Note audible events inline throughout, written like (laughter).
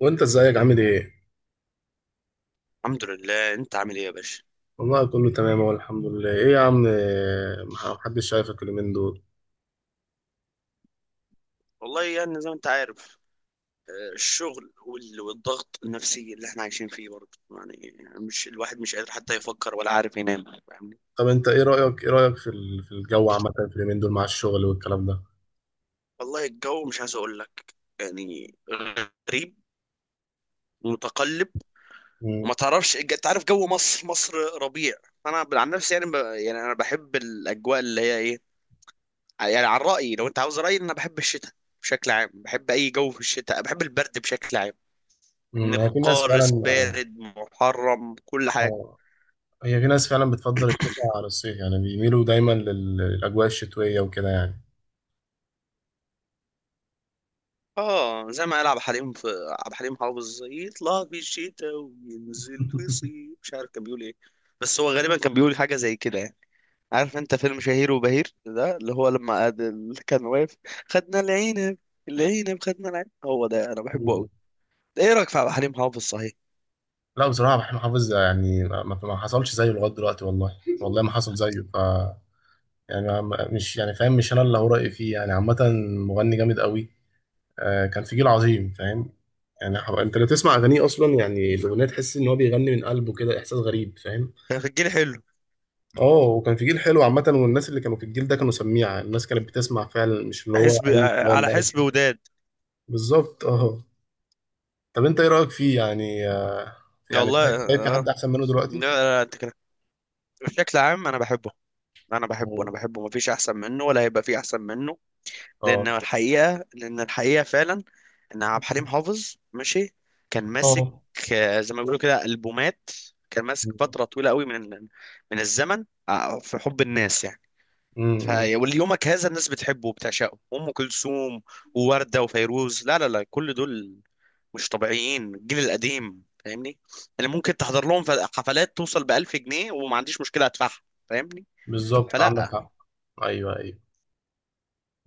وانت ازيك عامل ايه؟ الحمد لله. انت عامل ايه يا باشا؟ والله كله تمام اهو الحمد لله. ايه يا عم، ما حدش شايفك اليومين دول. والله يعني زي ما انت عارف. الشغل والضغط النفسي اللي احنا عايشين فيه برضه يعني مش الواحد مش قادر حتى يفكر ولا عارف ينام فاهمني. طب انت ايه رأيك في في الجو عامة في اليومين دول مع الشغل والكلام ده؟ والله الجو مش عايز اقول لك، يعني غريب ومتقلب. مم. وما تعرفش، انت عارف جو مصر، مصر ربيع. انا عن نفسي يعني يعني انا بحب الاجواء اللي هي ايه. يعني عن رأيي، لو انت عاوز رأيي، انا بحب الشتاء بشكل عام، بحب اي جو في الشتاء، بحب البرد بشكل عام. من مم. هي في ناس فعلا القارس اه. بارد محرم كل حاجة. آه، هي في ناس فعلا بتفضل الشتاء على الصيف، يعني بيميلوا دايما للأجواء الشتوية وكده يعني. اه زي ما قال عبد الحليم في، عبد الحليم حافظ يطلع في الشتاء وينزل في الصيف، مش عارف كان بيقول ايه، بس هو غالبا كان بيقول حاجة زي كده يعني. عارف انت فيلم شهير وبهير ده اللي هو لما اللي كان واقف؟ خدنا العنب، العنب، خدنا العنب، هو ده انا بحبه مم. قوي. ايه رأيك في عبد الحليم حافظ صحيح؟ لا بصراحة محمود حافظ، يعني ما حصلش زيه لغاية دلوقتي، والله ما حصل زيه. ف يعني مش يعني فاهم، مش انا اللي هو رأيي فيه يعني، عامة مغني جامد قوي. آه، كان في جيل عظيم فاهم. يعني انت لو تسمع اغانيه اصلا، يعني الاغنيه تحس ان هو بيغني من قلبه كده، احساس غريب فاهم. كان في الجيل حلو. اه، وكان في جيل حلو عامه، والناس اللي كانوا في الجيل ده كانوا سميعه، الناس كانت بتسمع فعلا، مش اللي هو حسب، اي كلام على بقى. حسب وداد. بالظبط اه. طب انت ايه رايك فيه يعني؟ آه، يعني والله شايف، شايف في آه. حد احسن منه لا، دلوقتي؟ لا، انت كده. بشكل عام انا بحبه، انا بحبه، انا مم. بحبه، مفيش احسن منه ولا هيبقى فيه احسن منه. لان اه. الحقيقه لان الحقيقه فعلا ان عبد الحليم حافظ ماشي، كان ماسك، اه. زي ما بيقولوا كده البومات. كان ماسك فتره طويله قوي من الزمن، في حب الناس يعني. ف امم. وليومك هذا الناس بتحبه وبتعشقه. ام كلثوم ووردة وفيروز، لا لا لا، كل دول مش طبيعيين. الجيل القديم فاهمني، اللي ممكن تحضر لهم حفلات توصل ب 1000 جنيه وما عنديش مشكله ادفعها فاهمني. بالظبط عندك فلا. حق. ايوه ايوه،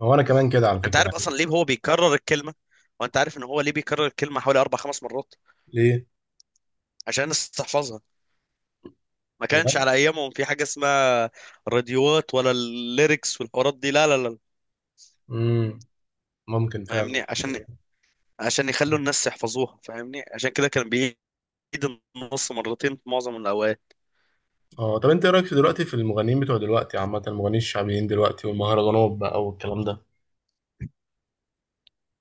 هو انا كمان كده على انت فكره عارف يعني. اصلا ليه هو بيكرر الكلمه؟ وانت عارف ان هو ليه بيكرر الكلمه حوالي اربع خمس مرات؟ ليه؟ عشان الناس تحفظها. ما كانش بجد. على ايامهم في حاجه اسمها راديوات ولا الليركس والحوارات دي، لا لا لا امم. ممكن فعلا. فاهمني. عشان يخلوا الناس يحفظوها فاهمني، عشان كده كان بيعيد النص مرتين في معظم الاوقات. اه، طب انت ايه رايك في دلوقتي في المغنيين بتوع دلوقتي عامه، المغنيين الشعبيين دلوقتي والمهرجانات بقى والكلام ده.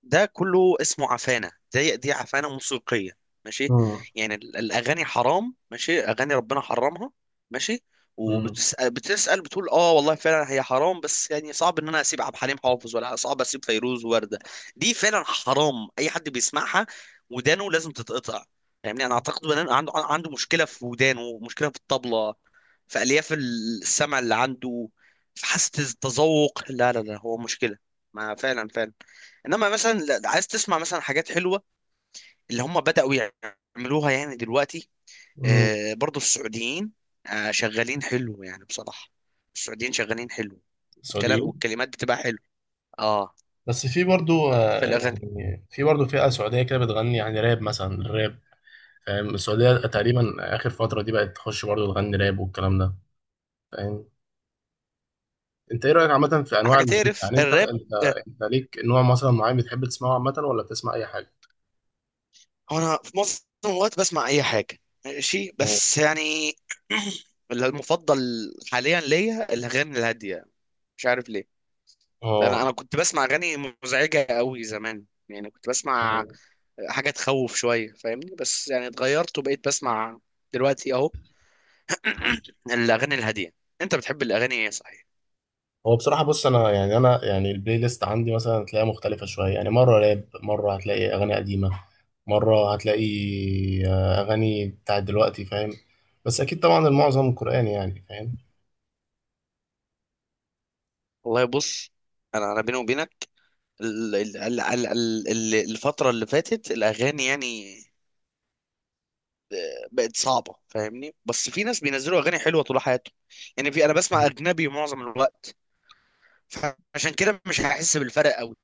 ده كله اسمه عفانة، دي عفانة موسيقية ماشي. امم. يعني الأغاني حرام ماشي، أغاني ربنا حرمها ماشي. امم. وبتسأل بتقول اه والله فعلا هي حرام، بس يعني صعب ان انا اسيب عبد الحليم حافظ ولا صعب اسيب فيروز ووردة. دي فعلا حرام اي حد بيسمعها، ودانه لازم تتقطع. يعني انا اعتقد ان أنا عنده مشكلة في ودانه، مشكلة في الطبلة، في الياف السمع اللي عنده، في حاسة التذوق. لا لا لا، هو مشكلة، ما فعلا فعلا. انما مثلا عايز تسمع مثلا حاجات حلوه اللي هم بداوا يعملوها يعني دلوقتي. امم. برضو السعوديين، شغالين حلو يعني بصراحه. السعوديين شغالين حلو، والكلام سعوديين. والكلمات بتبقى حلو، اه، بس في برضو في آه، الاغاني. يعني في برضو فئه سعوديه كده بتغني يعني راب، مثلا الراب فاهم، السعوديه تقريبا اخر فتره دي بقت تخش برضو تغني راب والكلام ده فاهم. انت ايه رايك عامه في انواع حاجه الموسيقى؟ تعرف يعني انت الراب؟ انت آه. انت ليك نوع مثلا معين بتحب تسمعه عامه، ولا بتسمع اي حاجه؟ انا في معظم الوقت بسمع اي حاجه ماشي، اه بس يعني (clears throat) المفضل حاليا ليا الاغاني الهاديه، مش عارف ليه. انا اه كنت بسمع اغاني مزعجه قوي زمان، يعني كنت بسمع حاجه تخوف شويه فاهمني، بس يعني اتغيرت وبقيت بسمع دلوقتي اهو (clears throat) الاغاني الهاديه. انت بتحب الاغاني ايه صحيح؟ هو بصراحة بص، أنا يعني، أنا يعني البلاي ليست عندي مثلا هتلاقيها مختلفة شوية، يعني مرة راب، مرة هتلاقي أغاني قديمة، مرة هتلاقي آه، أغاني بتاعت دلوقتي فاهم. بس أكيد طبعا المعظم قرآني يعني فاهم. والله بص، انا بيني وبينك، الفتره اللي فاتت الاغاني يعني، بقت صعبه فاهمني، بس في ناس بينزلوا اغاني حلوه طول حياتهم. يعني في، انا بسمع اجنبي معظم الوقت، فعشان كده مش هحس بالفرق قوي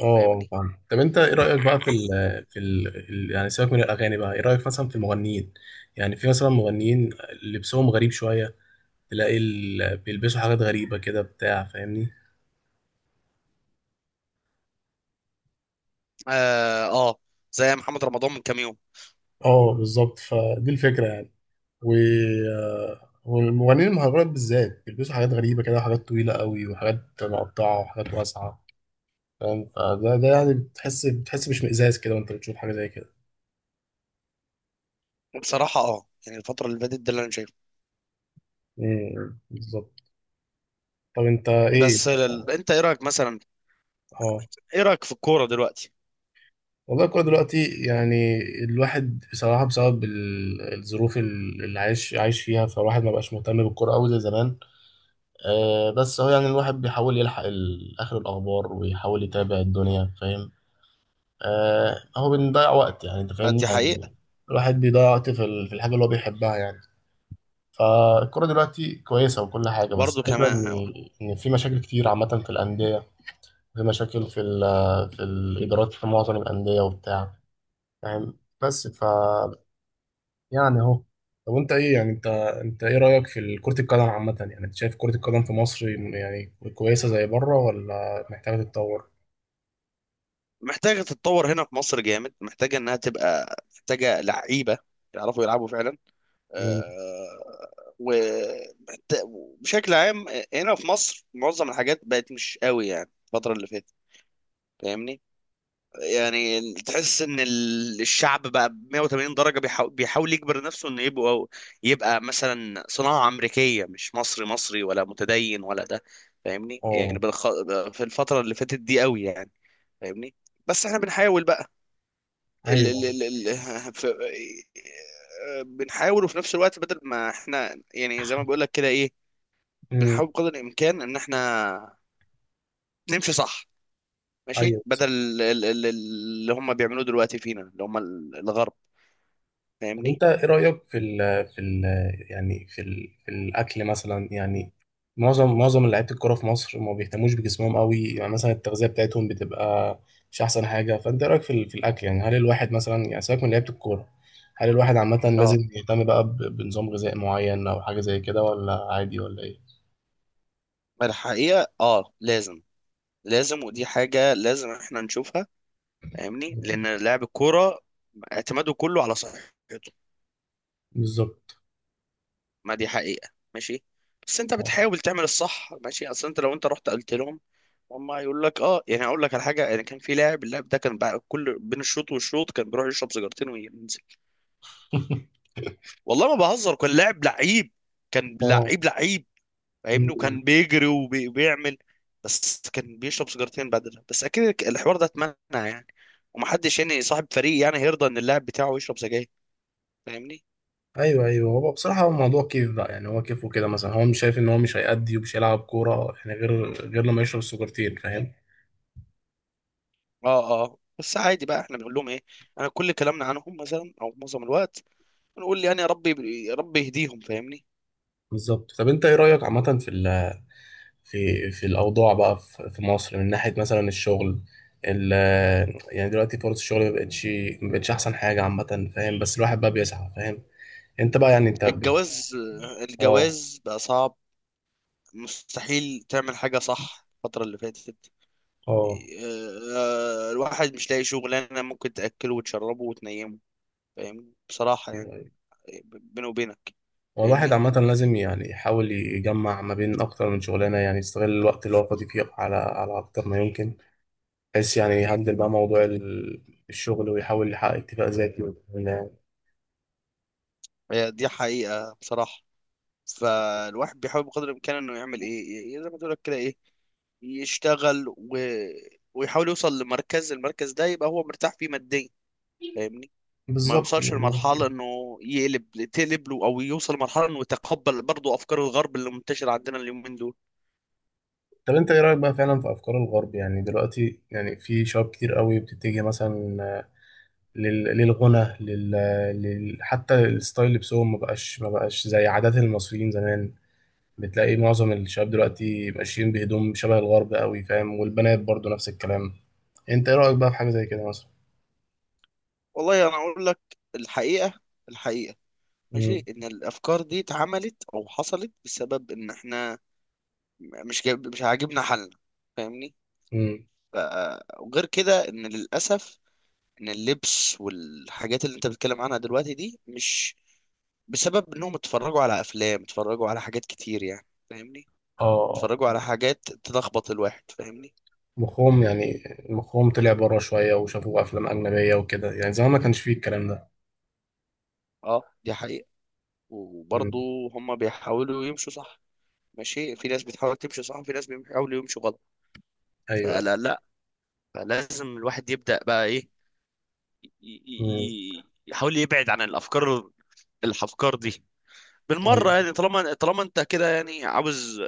اه فاهمني. فاهم. طب أنت إيه رأيك بقى في ال في يعني سيبك من الأغاني بقى، إيه رأيك مثلا في المغنيين؟ يعني في مثلا مغنيين لبسهم غريب شوية، تلاقي بيلبسوا حاجات غريبة كده بتاع فاهمني. اه زي محمد رمضان من كام يوم. اه، بالظبط، فدي الفكرة يعني. و آه، والمغنيين المهرجانات بالذات بيلبسوا حاجات غريبة كده، وحاجات طويلة قوي، وحاجات مقطعة، وحاجات واسعة فاهم. فده يعني بتحس باشمئزاز كده وانت بتشوف حاجة زي كده. وبصراحة اه يعني الفترة اللي فاتت ده اللي انا شايفه. امم، بالظبط. طب انت ايه. بس انت ايه رأيك مثلا؟ اه، ايه رأيك في الكورة دلوقتي؟ والله الكورة دلوقتي يعني الواحد بصراحة بسبب الظروف اللي عايش فيها، فالواحد ما بقاش مهتم بالكورة أوي زي زمان. آه، بس هو يعني الواحد بيحاول يلحق آخر الأخبار ويحاول يتابع الدنيا فاهم. آه، هو بنضيع وقت يعني انت آه، فاهمني دي يعني حقيقة. الواحد بيضيع وقت في في الحاجه اللي هو بيحبها يعني. فالكرة دلوقتي كويسة وكل حاجة، بس برضو الفكرة كمان، آه، إن، إن في مشاكل كتير عامة في الأندية، في مشاكل في ال في الإدارات في معظم الأندية وبتاع فاهم، بس ف يعني أهو. طب أنت إيه يعني أنت إيه رأيك في كرة القدم عامة؟ يعني أنت شايف كرة القدم في مصر يعني كويسة زي بره ولا محتاجة تتطور؟ محتاجة تتطور هنا في مصر جامد، محتاجة انها تبقى محتاجة لعيبة يعرفوا يلعبوا فعلا. امم. آه، و وبشكل عام، هنا في مصر معظم الحاجات بقت مش قوي يعني الفترة اللي فاتت فاهمني. يعني تحس ان الشعب بقى ب 180 درجة، بيحاول يجبر نفسه انه يبقى، يبقى مثلا صناعة امريكية، مش مصري، مصري ولا متدين ولا ده فاهمني. يعني أه. في الفترة اللي فاتت دي قوي يعني فاهمني. بس احنا بنحاول بقى ال... ال... أيوه. ال... ال... (laughs) ف... بنحاول، وفي نفس الوقت بدل ما احنا، يعني زي ما بقول لك كده ايه، امم. بنحاول بقدر الامكان ان احنا نمشي صح ماشي، أيوه. بدل اللي هم بيعملوه دلوقتي فينا اللي هم الغرب طب فاهمني. انت ايه رأيك في ال في ال يعني في ال في الاكل مثلا يعني. معظم لعيبه الكوره في مصر ما بيهتموش بجسمهم قوي، يعني مثلا التغذيه بتاعتهم بتبقى مش احسن حاجه، فانت ايه رايك في في الاكل؟ يعني هل الواحد مثلا، يعني سيبك من لعيبه الكوره، هل الواحد عامه اه، لازم يهتم بقى بنظام غذائي معين او حاجه زي كده، ولا عادي ولا ايه؟ ما الحقيقة اه لازم، لازم، ودي حاجة لازم احنا نشوفها فاهمني، لأن لاعب الكورة اعتماده كله على صحته. بالظبط ما دي حقيقة ماشي، بس انت اه. بتحاول تعمل الصح ماشي. اصل انت لو انت رحت قلت لهم، هم هيقول لك اه. يعني اقول لك على حاجه، يعني كان في لاعب، اللاعب ده كان بقى كل بين الشوط والشوط كان بيروح يشرب سيجارتين وينزل. (laughs) والله ما بهزر، كان لاعب لعيب، كان اه. لعيب لعيب فاهمني. وكان بيجري وبيعمل، بس كان بيشرب سيجارتين بعدها. بس اكيد الحوار ده اتمنع يعني، ومحدش يعني صاحب فريق يعني هيرضى ان اللاعب بتاعه يشرب سجاير فاهمني. ايوه ايوه. هو بصراحه هو الموضوع كيف بقى يعني، هو كيف وكده، مثلا هو مش شايف ان هو مش هيأدي ومش هيلعب كوره يعني، غير لما يشرب السكرتين فاهم. اه اه، بس عادي بقى احنا بنقول لهم ايه؟ انا كل كلامنا عنهم مثلا او معظم الوقت بنقول يعني يا رب، يا رب يهديهم فاهمني. بالظبط. طب انت ايه رايك عامه في ال في في الاوضاع بقى في في مصر من ناحيه مثلا الشغل. ال، يعني دلوقتي فرص الشغل ما بقتش، احسن حاجه عامه فاهم، بس الواحد بقى بيسعى فاهم، انت بقى يعني انت ب-. الجواز، اه الجواز بقى صعب. مستحيل تعمل حاجة صح الفترة اللي فاتت، اه آه، الواحد مش لاقي شغلانة ممكن تأكله وتشربه وتنيمه فاهم بصراحة يعني. ايوه ايوه. بيني وبينك هو الواحد فاهمني. عامة لازم يعني يحاول يجمع ما بين أكتر من شغلانة، يعني يستغل الوقت اللي هو فاضي فيه على على أكتر ما يمكن، بحيث يعني يهندل بقى موضوع الشغل، ويحاول يحقق اتفاق ذاتي وال-. هي دي حقيقة بصراحة. فالواحد بيحاول بقدر الإمكان إنه يعمل إيه، زي ما تقول لك كده إيه، يشتغل ويحاول يوصل لمركز، المركز ده يبقى هو مرتاح فيه ماديا فاهمني. ما بالظبط يوصلش يعني. لمرحلة إنه يقلب، تقلب له، أو يوصل لمرحلة إنه يتقبل برضه أفكار الغرب اللي منتشرة عندنا اليومين دول. طب انت ايه رايك بقى فعلا في افكار الغرب؟ يعني دلوقتي يعني في شباب كتير قوي بتتجه مثلا للغنى حتى الستايل لبسهم ما بقاش زي عادات المصريين زمان. بتلاقي معظم الشباب دلوقتي ماشيين بهدوم شبه الغرب قوي فاهم، والبنات برضو نفس الكلام. انت ايه رايك بقى في حاجه زي كده مثلا؟ والله أنا أقول لك الحقيقة، الحقيقة ماشي، امم. إن الأفكار دي اتعملت أو حصلت بسبب إن إحنا مش عاجبنا حالنا فاهمني. امم. وغير كده ان للاسف ان اللبس والحاجات اللي انت بتتكلم عنها دلوقتي دي مش بسبب انهم اتفرجوا على افلام، اتفرجوا على حاجات كتير يعني فاهمني. اه. اتفرجوا على حاجات تلخبط الواحد فاهمني. مخهم يعني، مخهم طلع بره شوية وشافوا أفلام أجنبية وكده يعني، زمان ما كانش فيه الكلام ده. اه دي حقيقة. وبرضه مم. هم بيحاولوا يمشوا صح ماشي، في ناس بتحاول تمشي صح وفي ناس بيحاولوا يمشوا غلط. أيوه أيوه. فلا لا. فلازم الواحد يبدأ بقى ايه، مم. يحاول يبعد عن الافكار، الافكار دي بالمرة. أيوه. يعني طالما، طالما انت كده يعني عاوز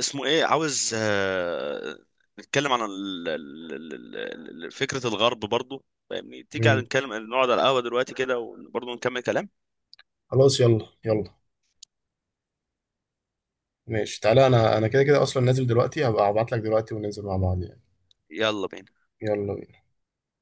اسمه ايه، عاوز، نتكلم عن فكرة الغرب برضو فاهمني. تيجي على مم. نتكلم، نقعد على القهوة دلوقتي كده وبرضو نكمل كلام. خلاص، يلا يلا، ماشي، تعالى، أنا كده كده أصلا نازل دلوقتي، هبقى أبعت لك دلوقتي وننزل مع بعض يعني. يلا بينا. يلا بينا.